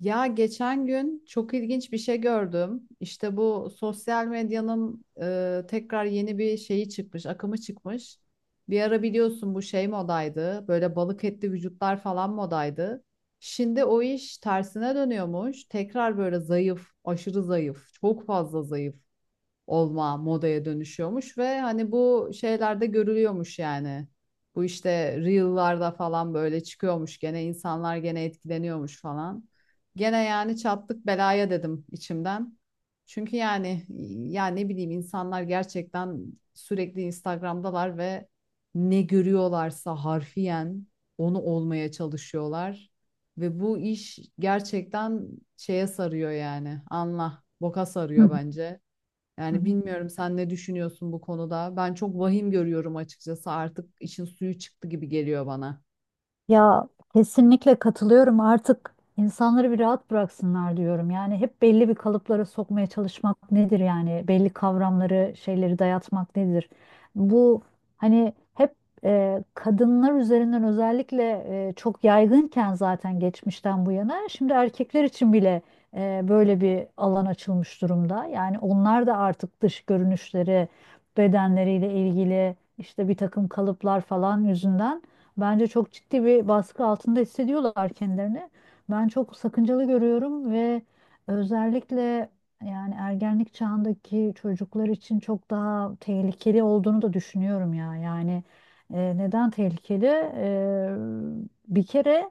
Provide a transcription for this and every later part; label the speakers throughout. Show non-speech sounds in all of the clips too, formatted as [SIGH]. Speaker 1: Ya geçen gün çok ilginç bir şey gördüm. İşte bu sosyal medyanın tekrar yeni bir şeyi çıkmış, akımı çıkmış. Bir ara biliyorsun bu şey modaydı. Böyle balık etli vücutlar falan modaydı. Şimdi o iş tersine dönüyormuş. Tekrar böyle zayıf, aşırı zayıf, çok fazla zayıf olma modaya dönüşüyormuş ve hani bu şeylerde görülüyormuş yani. Bu işte reel'larda falan böyle çıkıyormuş gene insanlar gene etkileniyormuş falan. Gene yani çattık belaya dedim içimden. Çünkü yani ne bileyim insanlar gerçekten sürekli Instagram'dalar ve ne görüyorlarsa harfiyen onu olmaya çalışıyorlar. Ve bu iş gerçekten şeye sarıyor yani. Anla, boka
Speaker 2: Hı
Speaker 1: sarıyor
Speaker 2: hı,
Speaker 1: bence.
Speaker 2: hı
Speaker 1: Yani
Speaker 2: hı.
Speaker 1: bilmiyorum sen ne düşünüyorsun bu konuda. Ben çok vahim görüyorum açıkçası. Artık işin suyu çıktı gibi geliyor bana.
Speaker 2: Ya, kesinlikle katılıyorum. Artık insanları bir rahat bıraksınlar diyorum. Yani hep belli bir kalıplara sokmaya çalışmak nedir yani? Belli kavramları, şeyleri dayatmak nedir? Bu hani hep kadınlar üzerinden özellikle çok yaygınken zaten geçmişten bu yana şimdi erkekler için bile böyle bir alan açılmış durumda. Yani onlar da artık dış görünüşleri, bedenleriyle ilgili işte bir takım kalıplar falan yüzünden bence çok ciddi bir baskı altında hissediyorlar kendilerini. Ben çok sakıncalı görüyorum ve özellikle yani ergenlik çağındaki çocuklar için çok daha tehlikeli olduğunu da düşünüyorum ya. Yani, neden tehlikeli? Bir kere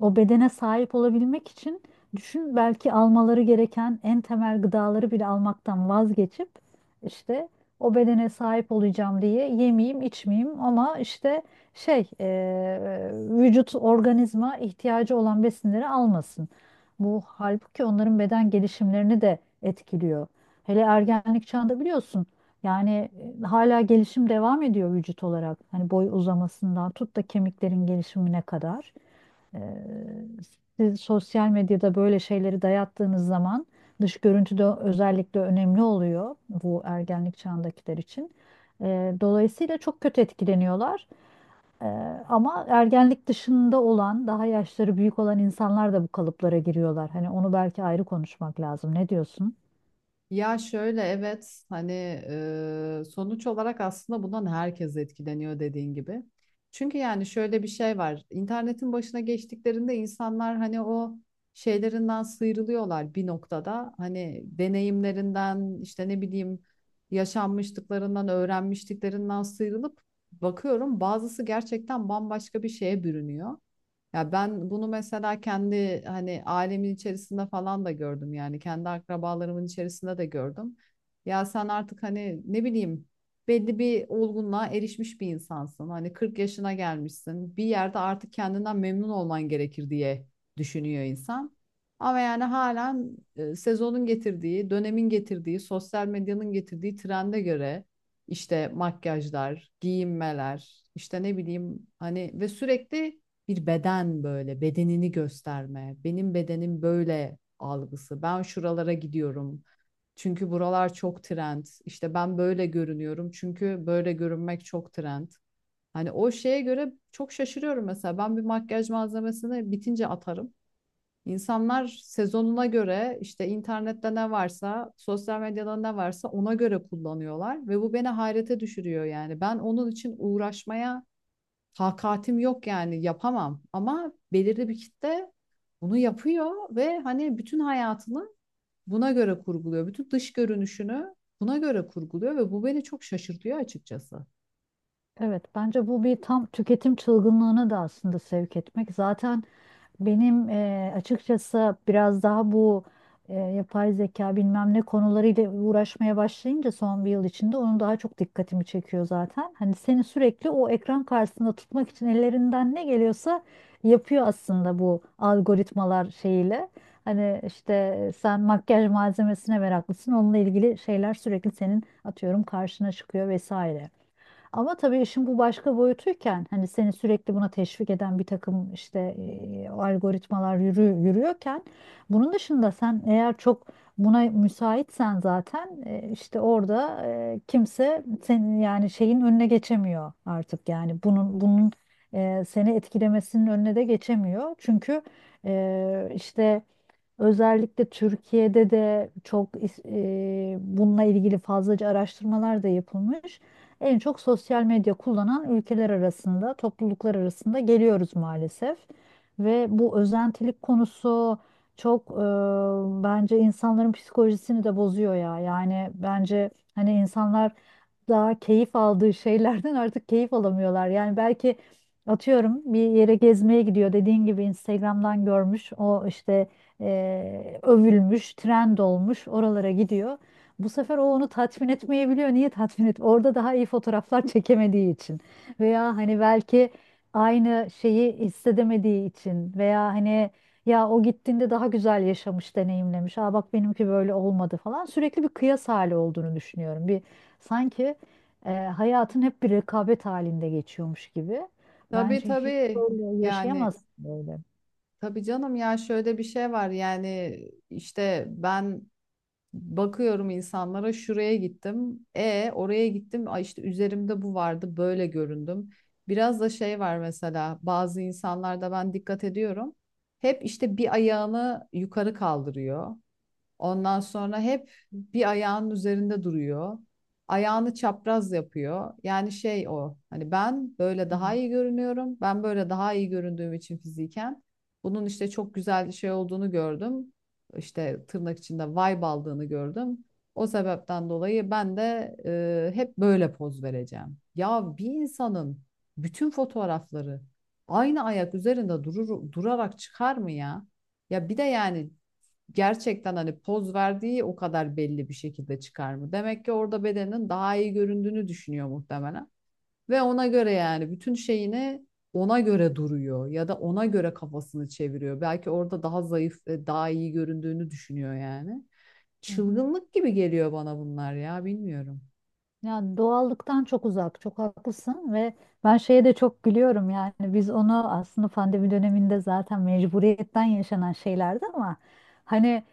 Speaker 2: o bedene sahip olabilmek için düşün, belki almaları gereken en temel gıdaları bile almaktan vazgeçip işte o bedene sahip olacağım diye yemeyeyim, içmeyeyim ama işte vücut organizma ihtiyacı olan besinleri almasın. Bu halbuki onların beden gelişimlerini de etkiliyor. Hele ergenlik çağında biliyorsun yani hala gelişim devam ediyor vücut olarak. Hani boy uzamasından tut da kemiklerin gelişimine kadar. Eee, siz sosyal medyada böyle şeyleri dayattığınız zaman dış görüntü de özellikle önemli oluyor bu ergenlik çağındakiler için. Dolayısıyla çok kötü etkileniyorlar. Ee, ama ergenlik dışında olan, daha yaşları büyük olan insanlar da bu kalıplara giriyorlar. Hani onu belki ayrı konuşmak lazım. Ne diyorsun?
Speaker 1: Ya şöyle evet hani sonuç olarak aslında bundan herkes etkileniyor dediğin gibi. Çünkü yani şöyle bir şey var. İnternetin başına geçtiklerinde insanlar hani o şeylerinden sıyrılıyorlar bir noktada. Hani deneyimlerinden işte ne bileyim yaşanmışlıklarından, öğrenmişliklerinden sıyrılıp bakıyorum bazısı gerçekten bambaşka bir şeye bürünüyor. Ya ben bunu mesela kendi hani ailemin içerisinde falan da gördüm yani kendi akrabalarımın içerisinde de gördüm. Ya sen artık hani ne bileyim belli bir olgunluğa erişmiş bir insansın. Hani 40 yaşına gelmişsin. Bir yerde artık kendinden memnun olman gerekir diye düşünüyor insan. Ama yani halen sezonun getirdiği, dönemin getirdiği, sosyal medyanın getirdiği trende göre işte makyajlar, giyinmeler, işte ne bileyim hani ve sürekli bir beden böyle bedenini gösterme. Benim bedenim böyle algısı. Ben şuralara gidiyorum. Çünkü buralar çok trend. İşte ben böyle görünüyorum çünkü böyle görünmek çok trend. Hani o şeye göre çok şaşırıyorum mesela. Ben bir makyaj malzemesini bitince atarım. İnsanlar sezonuna göre işte internette ne varsa, sosyal medyada ne varsa ona göre kullanıyorlar ve bu beni hayrete düşürüyor yani. Ben onun için uğraşmaya takatim yok yani yapamam ama belirli bir kitle bunu yapıyor ve hani bütün hayatını buna göre kurguluyor. Bütün dış görünüşünü buna göre kurguluyor ve bu beni çok şaşırtıyor açıkçası.
Speaker 2: Evet, bence bu bir tam tüketim çılgınlığına da aslında sevk etmek. Zaten benim açıkçası biraz daha bu yapay zeka bilmem ne konularıyla uğraşmaya başlayınca son bir yıl içinde onun daha çok dikkatimi çekiyor zaten. Hani seni sürekli o ekran karşısında tutmak için ellerinden ne geliyorsa yapıyor aslında bu algoritmalar şeyiyle. Hani işte sen makyaj malzemesine meraklısın, onunla ilgili şeyler sürekli senin atıyorum karşına çıkıyor vesaire. Ama tabii işin bu başka boyutuyken hani seni sürekli buna teşvik eden bir takım işte algoritmalar yürü, yürüyorken bunun dışında sen eğer çok buna müsaitsen zaten işte orada kimse senin yani şeyin önüne geçemiyor artık yani bunun seni etkilemesinin önüne de geçemiyor. Çünkü işte özellikle Türkiye'de de bununla ilgili fazlaca araştırmalar da yapılmış. En çok sosyal medya kullanan ülkeler arasında, topluluklar arasında geliyoruz maalesef. Ve bu özentilik konusu çok bence insanların psikolojisini de bozuyor ya. Yani bence hani insanlar daha keyif aldığı şeylerden artık keyif alamıyorlar. Yani belki atıyorum bir yere gezmeye gidiyor, dediğin gibi Instagram'dan görmüş o işte övülmüş, trend olmuş, oralara gidiyor. Bu sefer o onu tatmin etmeyebiliyor. Niye tatmin et? Orada daha iyi fotoğraflar [LAUGHS] çekemediği için veya hani belki aynı şeyi hissedemediği için veya hani ya o gittiğinde daha güzel yaşamış, deneyimlemiş. Aa bak benimki böyle olmadı falan. Sürekli bir kıyas hali olduğunu düşünüyorum. Bir sanki hayatın hep bir rekabet halinde geçiyormuş gibi.
Speaker 1: Tabii,
Speaker 2: Bence hiç
Speaker 1: tabii,
Speaker 2: böyle
Speaker 1: yani
Speaker 2: yaşayamazsın böyle.
Speaker 1: tabii canım. Ya şöyle bir şey var yani işte ben bakıyorum insanlara, şuraya gittim. E oraya gittim. Ay işte üzerimde bu vardı. Böyle göründüm. Biraz da şey var mesela bazı insanlarda ben dikkat ediyorum. Hep işte bir ayağını yukarı kaldırıyor. Ondan sonra hep bir ayağının üzerinde duruyor. Ayağını çapraz yapıyor. Yani şey o. Hani ben böyle
Speaker 2: Hı
Speaker 1: daha iyi görünüyorum. Ben böyle daha iyi göründüğüm için fiziken bunun işte çok güzel şey olduğunu gördüm. İşte tırnak içinde vibe aldığını gördüm. O sebepten dolayı ben de hep böyle poz vereceğim. Ya bir insanın bütün fotoğrafları aynı ayak üzerinde durur, durarak çıkar mı ya? Ya bir de yani gerçekten hani poz verdiği o kadar belli bir şekilde çıkar mı? Demek ki orada bedenin daha iyi göründüğünü düşünüyor muhtemelen. Ve ona göre yani bütün şeyini ona göre duruyor ya da ona göre kafasını çeviriyor. Belki orada daha zayıf ve daha iyi göründüğünü düşünüyor yani.
Speaker 2: hı.
Speaker 1: Çılgınlık gibi geliyor bana bunlar ya, bilmiyorum.
Speaker 2: Ya doğallıktan çok uzak, çok haklısın ve ben şeye de çok gülüyorum yani biz onu aslında pandemi döneminde zaten mecburiyetten yaşanan şeylerdi ama hani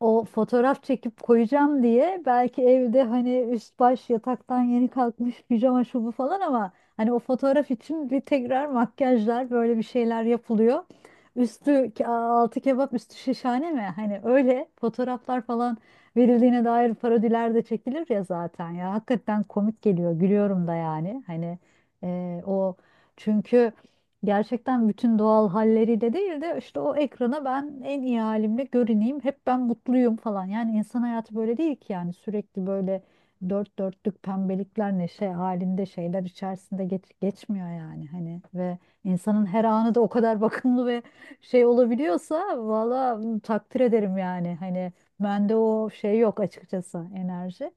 Speaker 2: o fotoğraf çekip koyacağım diye belki evde hani üst baş yataktan yeni kalkmış pijama şu bu falan ama hani o fotoğraf için bir tekrar makyajlar böyle bir şeyler yapılıyor. Altı kebap üstü şişhane mi? Hani öyle fotoğraflar falan verildiğine dair parodiler de çekilir ya zaten ya hakikaten komik geliyor gülüyorum da yani hani o çünkü gerçekten bütün doğal halleriyle değil de işte o ekrana ben en iyi halimle görüneyim hep ben mutluyum falan yani insan hayatı böyle değil ki yani sürekli böyle dört dörtlük pembelikler neşe halinde şeyler içerisinde geçmiyor yani hani ve insanın her anı da o kadar [LAUGHS] bakımlı ve şey olabiliyorsa valla takdir ederim yani hani bende o şey yok açıkçası, enerji.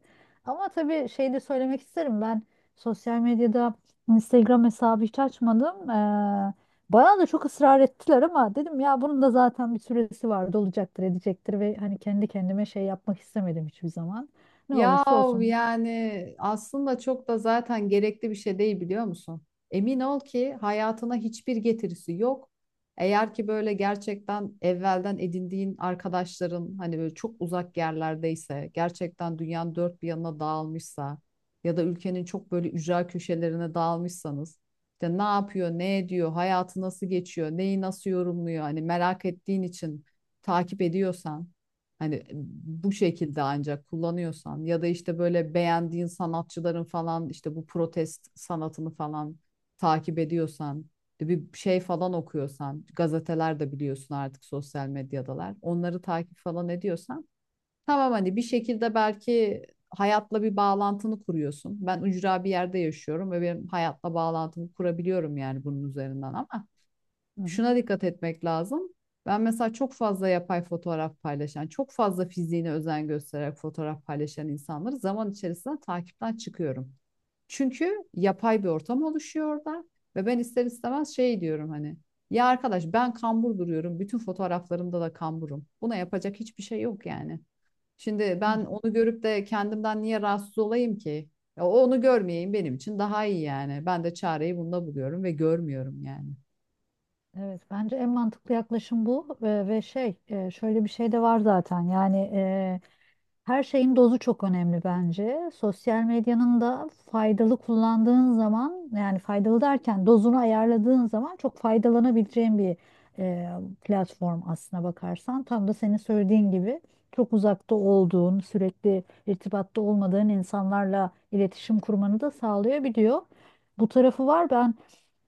Speaker 2: Ama tabii şey de söylemek isterim. Ben sosyal medyada Instagram hesabı hiç açmadım. Bana da çok ısrar ettiler ama dedim ya bunun da zaten bir süresi vardı olacaktır edecektir ve hani kendi kendime şey yapmak istemedim hiçbir zaman. Ne olursa
Speaker 1: Yahu
Speaker 2: olsun.
Speaker 1: yani aslında çok da zaten gerekli bir şey değil, biliyor musun? Emin ol ki hayatına hiçbir getirisi yok. Eğer ki böyle gerçekten evvelden edindiğin arkadaşların hani böyle çok uzak yerlerdeyse, gerçekten dünyanın dört bir yanına dağılmışsa ya da ülkenin çok böyle ücra köşelerine dağılmışsanız, işte ne yapıyor, ne ediyor, hayatı nasıl geçiyor, neyi nasıl yorumluyor hani merak ettiğin için takip ediyorsan, hani bu şekilde ancak kullanıyorsan ya da işte böyle beğendiğin sanatçıların falan işte bu protest sanatını falan takip ediyorsan, bir şey falan okuyorsan, gazeteler de biliyorsun artık sosyal medyadalar, onları takip falan ediyorsan tamam, hani bir şekilde belki hayatla bir bağlantını kuruyorsun. Ben ücra bir yerde yaşıyorum ve benim hayatla bağlantımı kurabiliyorum yani bunun üzerinden, ama
Speaker 2: Hı hı,
Speaker 1: şuna dikkat etmek lazım. Ben mesela çok fazla yapay fotoğraf paylaşan, çok fazla fiziğine özen göstererek fotoğraf paylaşan insanları zaman içerisinde takipten çıkıyorum. Çünkü yapay bir ortam oluşuyor orada ve ben ister istemez şey diyorum hani, ya arkadaş ben kambur duruyorum. Bütün fotoğraflarımda da kamburum. Buna yapacak hiçbir şey yok yani. Şimdi
Speaker 2: hı
Speaker 1: ben
Speaker 2: hı.
Speaker 1: onu görüp de kendimden niye rahatsız olayım ki? Ya onu görmeyeyim benim için daha iyi yani. Ben de çareyi bunda buluyorum ve görmüyorum yani.
Speaker 2: Evet, bence en mantıklı yaklaşım bu. Ve şey şöyle bir şey de var zaten yani her şeyin dozu çok önemli bence. Sosyal medyanın da faydalı kullandığın zaman, yani faydalı derken dozunu ayarladığın zaman çok faydalanabileceğin bir e, platform aslına bakarsan. Tam da senin söylediğin gibi çok uzakta olduğun, sürekli irtibatta olmadığın insanlarla iletişim kurmanı da sağlayabiliyor. Bu tarafı var. Ben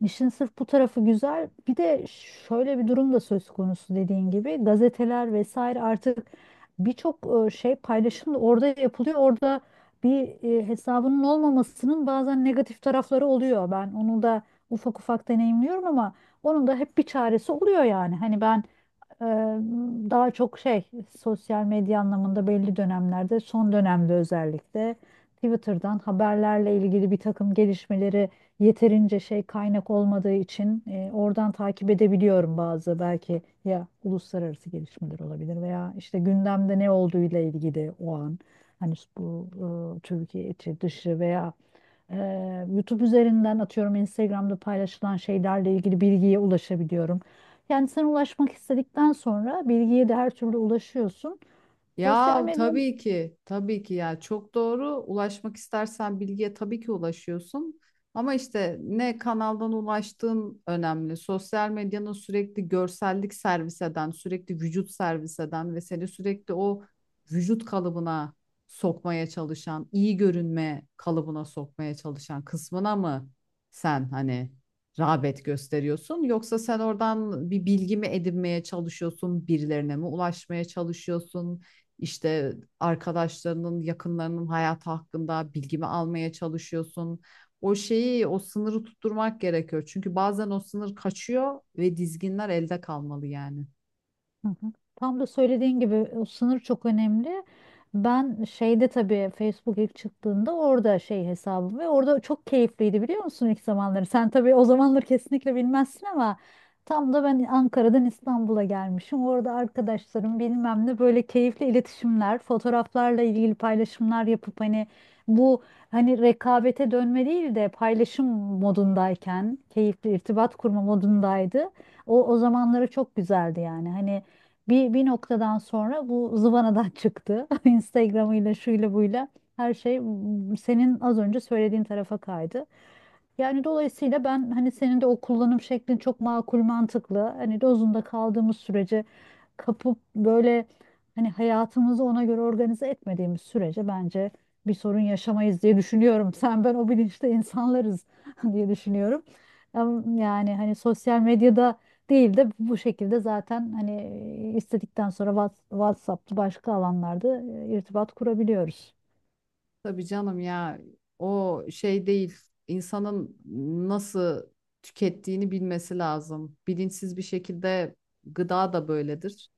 Speaker 2: işin sırf bu tarafı güzel. Bir de şöyle bir durum da söz konusu, dediğin gibi gazeteler vesaire artık birçok şey paylaşım da orada yapılıyor. Orada bir hesabının olmamasının bazen negatif tarafları oluyor. Ben onu da ufak ufak deneyimliyorum ama onun da hep bir çaresi oluyor yani. Hani ben Eee, daha çok şey, sosyal medya anlamında belli dönemlerde son dönemde özellikle Twitter'dan haberlerle ilgili bir takım gelişmeleri yeterince şey kaynak olmadığı için oradan takip edebiliyorum. Bazı belki ya uluslararası gelişmeler olabilir veya işte gündemde ne olduğuyla ilgili o an hani bu Türkiye içi dışı veya YouTube üzerinden atıyorum Instagram'da paylaşılan şeylerle ilgili bilgiye ulaşabiliyorum. Kendisine ulaşmak istedikten sonra bilgiye de her türlü ulaşıyorsun. Sosyal
Speaker 1: Ya
Speaker 2: medya.
Speaker 1: tabii ki, tabii ki, ya çok doğru. Ulaşmak istersen bilgiye tabii ki ulaşıyorsun. Ama işte ne kanaldan ulaştığın önemli. Sosyal medyanın sürekli görsellik servis eden, sürekli vücut servis eden ve seni sürekli o vücut kalıbına sokmaya çalışan, iyi görünme kalıbına sokmaya çalışan kısmına mı sen hani rağbet gösteriyorsun? Yoksa sen oradan bir bilgi mi edinmeye çalışıyorsun, birilerine mi ulaşmaya çalışıyorsun? İşte arkadaşlarının, yakınlarının hayatı hakkında bilgimi almaya çalışıyorsun. O şeyi, o sınırı tutturmak gerekiyor. Çünkü bazen o sınır kaçıyor ve dizginler elde kalmalı yani.
Speaker 2: Hı hı. Tam da söylediğin gibi o sınır çok önemli. Ben şeyde tabii Facebook ilk çıktığında orada şey hesabım ve orada çok keyifliydi biliyor musun ilk zamanları. Sen tabii o zamanları kesinlikle bilmezsin ama tam da ben Ankara'dan İstanbul'a gelmişim. Orada arkadaşlarım bilmem ne böyle keyifli iletişimler, fotoğraflarla ilgili paylaşımlar yapıp hani bu hani rekabete dönme değil de paylaşım modundayken keyifli irtibat kurma modundaydı. O zamanları çok güzeldi yani. Hani bir noktadan sonra bu zıvanadan çıktı. [LAUGHS] Instagram'ıyla şuyla buyla her şey senin az önce söylediğin tarafa kaydı. Yani dolayısıyla ben hani senin de o kullanım şeklin çok makul mantıklı. Hani dozunda kaldığımız sürece kapıp böyle hani hayatımızı ona göre organize etmediğimiz sürece bence bir sorun yaşamayız diye düşünüyorum. [LAUGHS] Sen ben o bilinçte insanlarız [LAUGHS] diye düşünüyorum. Yani hani sosyal medyada değil de bu şekilde zaten hani istedikten sonra WhatsApp'ta başka alanlarda irtibat kurabiliyoruz.
Speaker 1: Tabii canım, ya o şey değil. İnsanın nasıl tükettiğini bilmesi lazım. Bilinçsiz bir şekilde, gıda da böyledir.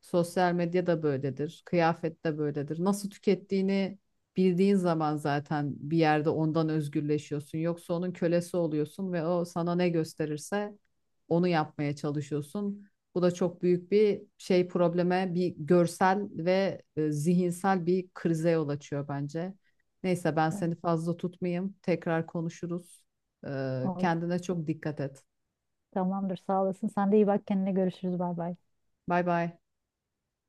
Speaker 1: Sosyal medya da böyledir. Kıyafet de böyledir. Nasıl tükettiğini bildiğin zaman zaten bir yerde ondan özgürleşiyorsun. Yoksa onun kölesi oluyorsun ve o sana ne gösterirse onu yapmaya çalışıyorsun. Bu da çok büyük bir şey probleme, bir görsel ve zihinsel bir krize yol açıyor bence. Neyse, ben
Speaker 2: Evet.
Speaker 1: seni fazla tutmayayım. Tekrar konuşuruz.
Speaker 2: O-
Speaker 1: Kendine çok dikkat et.
Speaker 2: Tamamdır, sağ olasın. Sen de iyi bak kendine, görüşürüz. Bay bay.
Speaker 1: Bay bay.